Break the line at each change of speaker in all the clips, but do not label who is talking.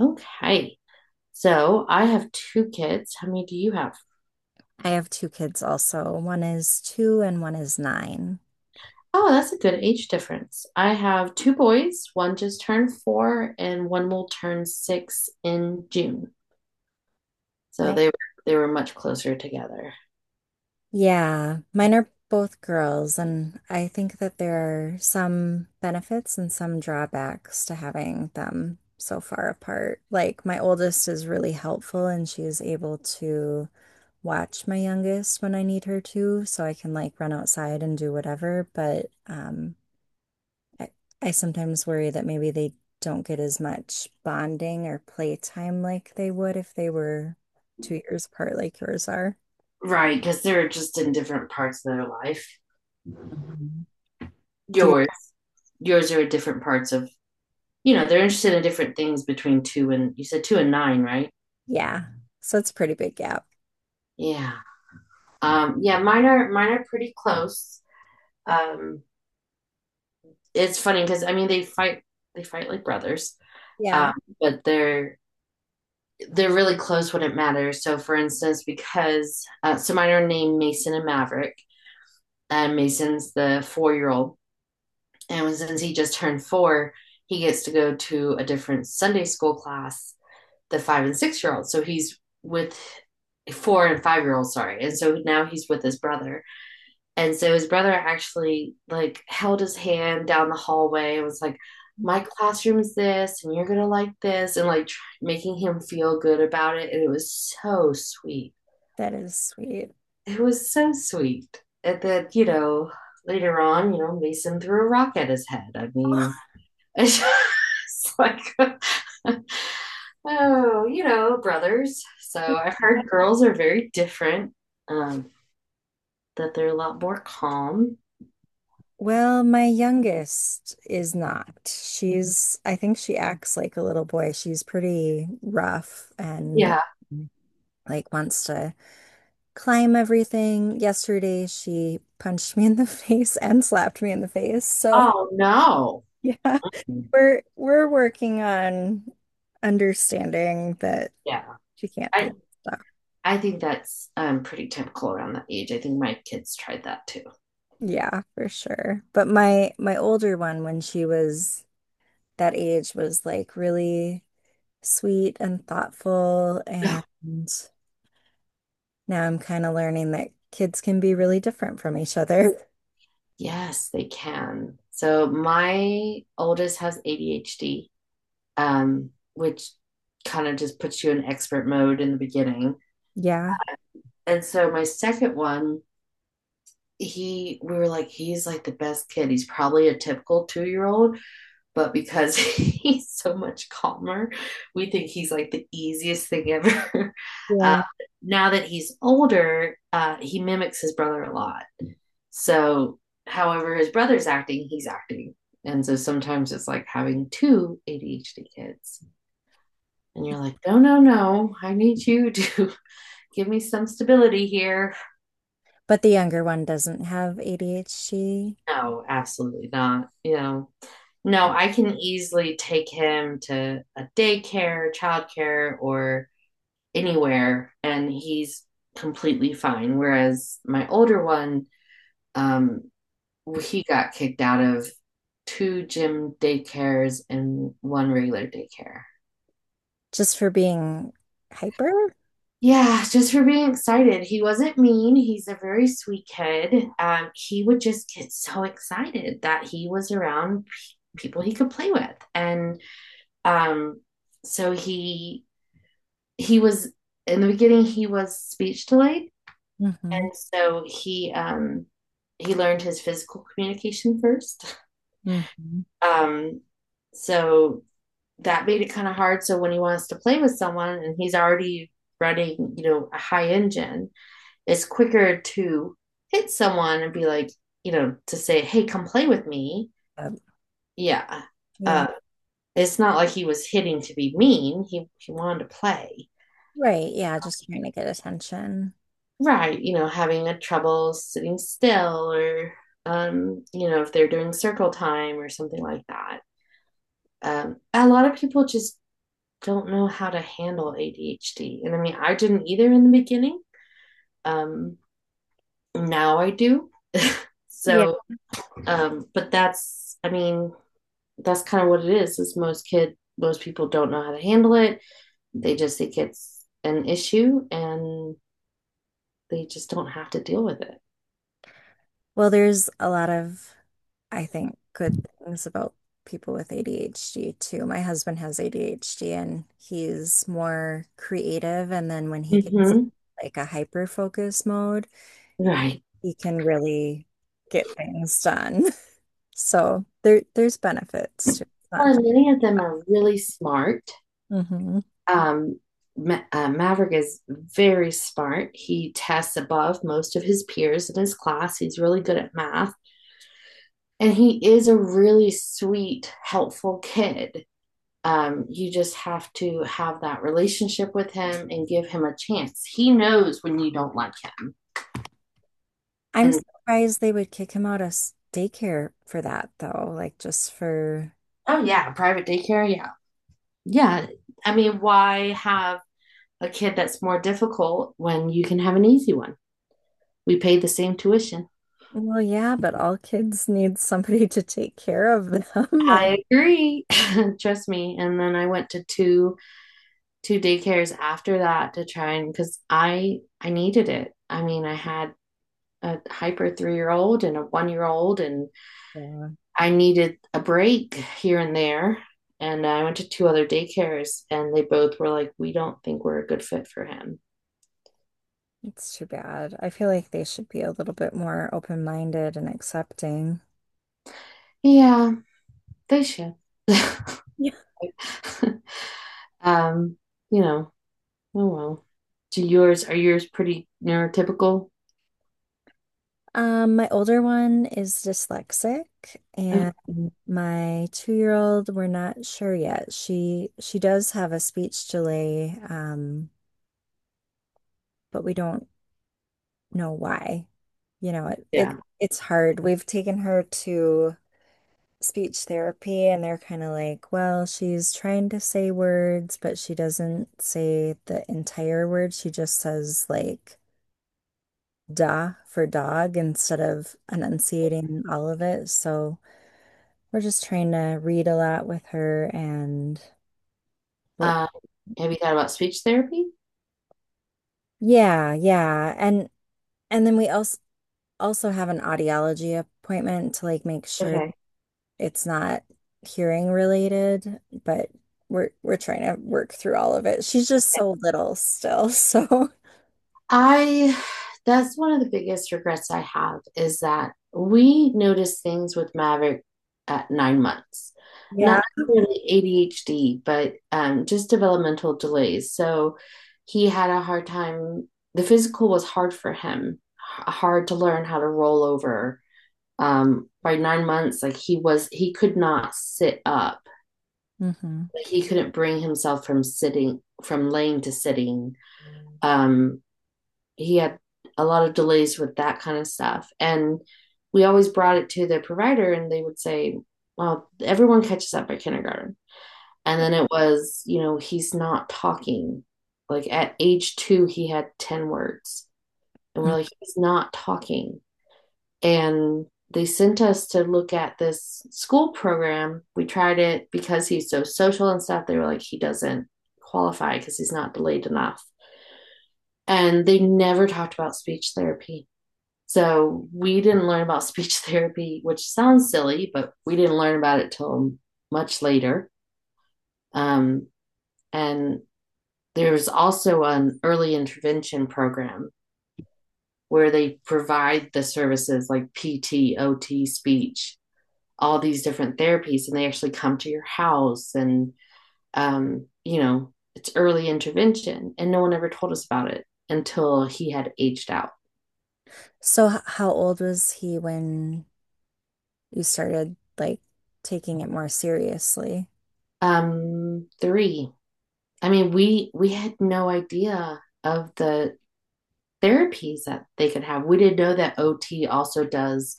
Okay. So I have two kids. How many do you have?
I have two kids also. One is two and one is nine.
Oh, that's a good age difference. I have two boys. One just turned four, and one will turn six in June. So
Right?
they were much closer together.
Yeah, mine are both girls, and I think that there are some benefits and some drawbacks to having them so far apart. Like, my oldest is really helpful, and she is able to watch my youngest when I need her to, so I can like run outside and do whatever. But I, I sometimes worry that maybe they don't get as much bonding or playtime like they would if they were 2 years apart like yours are.
Right, because they're just in different parts of their life.
Do you?
Yours, yours are different parts of, you know, they're interested in different things between two and you said two and nine, right?
Yeah. So it's a pretty big gap.
Yeah. Yeah, mine are pretty close. Um, it's funny because I mean they fight like brothers.
Yeah,
um, but they're really close when it matters. So, for instance, because so mine are named Mason and Maverick, and Mason's the 4-year old, and since he just turned four, he gets to go to a different Sunday school class, the 5 and 6 year olds. So he's with 4 and 5 year olds, sorry, and so now he's with his brother. And so his brother actually like held his hand down the hallway and was like, "My classroom's this, and you're gonna like this," and like making him feel good about it. And it was so sweet.
that is sweet.
It was so sweet. And then later on, Mason threw a rock at his head. I mean, it's just like. Oh, you know, brothers. So I've heard girls are very different, um, that they're a lot more calm.
Well, my youngest is not. I think she acts like a little boy. She's pretty rough and
Yeah.
um, like wants to climb everything. Yesterday, she punched me in the face and slapped me in the face. So,
Oh, no.
yeah. We're working on understanding that
Yeah,
she can't do
I
stuff.
I think that's pretty typical around that age. I think my kids tried that too.
Yeah, for sure. But my older one, when she was that age, was like really sweet and thoughtful, and now I'm kind of learning that kids can be really different from each other.
Yes, they can. So my oldest has ADHD, which kind of just puts you in expert mode in the beginning.
Yeah,
And so my second one, he we were like, he's like the best kid. He's probably a typical two-year-old but because he's so much calmer, we think he's like the easiest thing ever. Uh,
yeah.
Now that he's older, he mimics his brother a lot. So, however, his brother's acting, he's acting. And so sometimes it's like having two ADHD kids. And you're like, no, no, no, I need you to give me some stability here.
But the younger one doesn't have ADHD
No, absolutely not. No, I can easily take him to a daycare, childcare, or anywhere and he's completely fine. Whereas my older one, um, he got kicked out of two gym daycares and one regular daycare.
just for being hyper.
Yeah, just for being excited. He wasn't mean. He's a very sweet kid. He would just get so excited that he was around people he could play with, and um, so he was in the beginning he was speech delayed.
Mm-hmm.
And so he learned his physical communication first.
Mm-hmm.
Um, so that made it kind of hard. So when he wants to play with someone and he's already running, a high engine, it's quicker to hit someone and be like, to say, "Hey, come play with me."
Yep.
Yeah,
Yeah.
uh, it's not like he was hitting to be mean. He wanted to play.
Right, yeah, just trying to get attention.
Right, having a trouble sitting still or if they're doing circle time or something like that. A lot of people just don't know how to handle ADHD. And I mean, I didn't either in the beginning. Um, Now I do. So, but that's, I mean, that's kind of what it is most people don't know how to handle it. They just think it's an issue and they just don't have to deal with
Well, there's a lot of, I think, good things about people with ADHD too. My husband has ADHD and he's more creative, and then when he
it.
gets
Hmm.
like a hyper focus mode,
Right.
he can really get things done. So there's benefits to it. It's
Well,
not-
and many of them are really smart.
Mhm.
Um, Maverick is very smart. He tests above most of his peers in his class. He's really good at math. And he is a really sweet, helpful kid. You just have to have that relationship with him and give him a chance. He knows when you don't like him.
I'm
And
surprised they would kick him out of s- daycare for that though, like just for.
oh, yeah, private daycare. Yeah. Yeah. I mean, why have a kid that's more difficult when you can have an easy one? We pay the same tuition.
Well, yeah, but all kids need somebody to take care of them.
I agree. Trust me. And then I went to two daycares after that to try and because I needed it. I mean, I had a hyper 3-year old and a 1-year old, and
And
I needed a break here and there. And I went to two other daycares, and they both were like, "We don't think we're a good fit for him."
yeah, it's too bad. I feel like they should be a little bit more open-minded and accepting.
Yeah, they should.
Yeah.
um, you know. Oh well. Do yours? Are yours pretty neurotypical?
My older one is dyslexic
Oh,
and my two-year-old, we're not sure yet. She does have a speech delay, but we don't know why. You know,
yeah.
it's hard. We've taken her to speech therapy and they're kind of like, well, she's trying to say words, but she doesn't say the entire word. She just says like da for dog instead of enunciating all of it. So we're just trying to read a lot with her and work.
Um, have you thought about speech therapy?
Yeah, yeah. And then we also have an audiology appointment to like make sure
Okay.
it's not hearing related, but we're trying to work through all of it. She's just so little still, so
I, that's one of the biggest regrets I have is that we noticed things with Maverick at 9 months, not
yeah.
necessarily ADHD, but just developmental delays. So he had a hard time, the physical was hard for him, hard to learn how to roll over. By 9 months, like he could not sit up.
Hmm.
He couldn't bring himself from laying to sitting, um, he had a lot of delays with that kind of stuff. And we always brought it to the provider, and they would say, "Well, everyone catches up by kindergarten." And then it was, he's not talking. Like at age two, he had 10 words. And we're like, "He's not talking." And they sent us to look at this school program. We tried it because he's so social and stuff. They were like, "He doesn't qualify because he's not delayed enough." And they never talked about speech therapy. So we didn't learn about speech therapy, which sounds silly, but we didn't learn about it till much later. Um, and there's also an early intervention program where they provide the services like PT, OT, speech, all these different therapies, and they actually come to your house and it's early intervention, and no one ever told us about it until he had aged out.
So h- how old was he when you started like taking it more seriously?
Three. I mean, we had no idea of the therapies that they could have. We didn't know that OT also does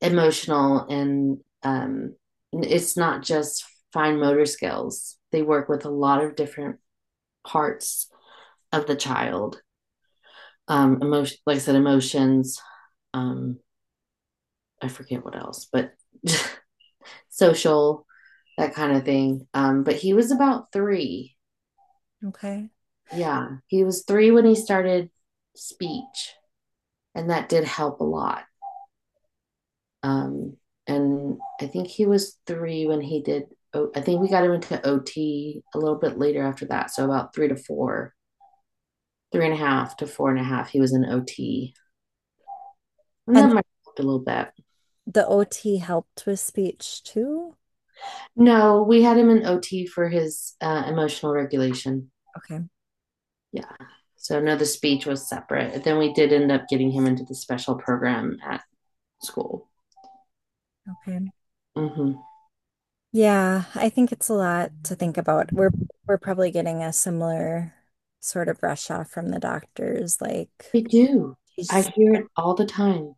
emotional and it's not just fine motor skills. They work with a lot of different parts of the child. Emotion, like I said, emotions. Um, I forget what else, but social, that kind of thing. But he was about three.
Okay.
Yeah, he was three when he started speech, and that did help a lot. Um, and I think he was three when he did. Oh, I think we got him into OT a little bit later after that, so about three to four, three and a half to four and a half. He was in OT, and that
And
might have helped a little bit.
the OT helped with speech too?
No, we had him in OT for his emotional regulation.
Okay.
Yeah. So no, the speech was separate. Then we did end up getting him into the special program at school.
Okay.
Hmm.
Yeah, I think it's a lot to think about. We're probably getting a similar sort of rush off from the doctors, like
We do. I
she's.
hear it all the time.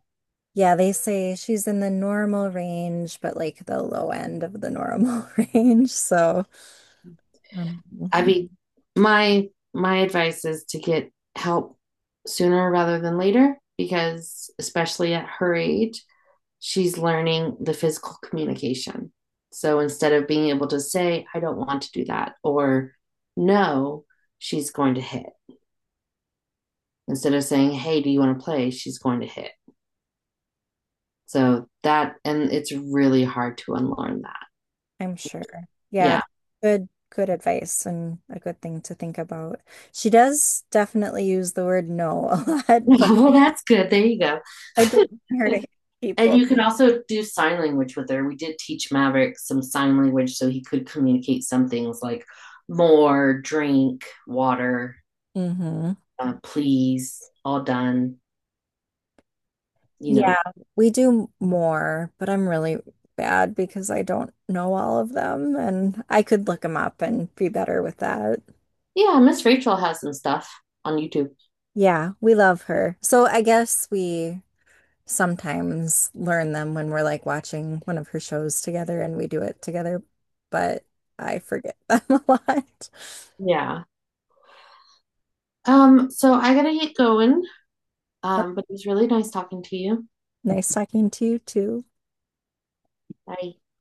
Yeah, they say she's in the normal range, but like the low end of the normal range. So um,
I mean, my my advice is to get help sooner rather than later because especially at her age she's learning the physical communication. So instead of being able to say, I don't want to do that, or no, she's going to hit. Instead of saying, hey, do you want to play? She's going to hit. So that, and it's really hard to unlearn that.
I'm sure. Yeah,
Yeah.
good, good advice and a good thing to think about. She does definitely use the word no a lot, but
Well, that's good. There you go.
I don't want her to hit
And
people.
you can also do sign language with her. We did teach Maverick some sign language so he could communicate some things like more, drink, water,
Hmm.
please, all done, you
Yeah,
know,
we do more, but I'm really bad because I don't know all of them and I could look them up and be better with that.
Yeah, Miss Rachel has some stuff on YouTube.
Yeah, we love her. So I guess we sometimes learn them when we're like watching one of her shows together and we do it together, but I forget them a lot.
Yeah. So I gotta get going. But it was really nice talking to you.
Nice talking to you too.
Bye.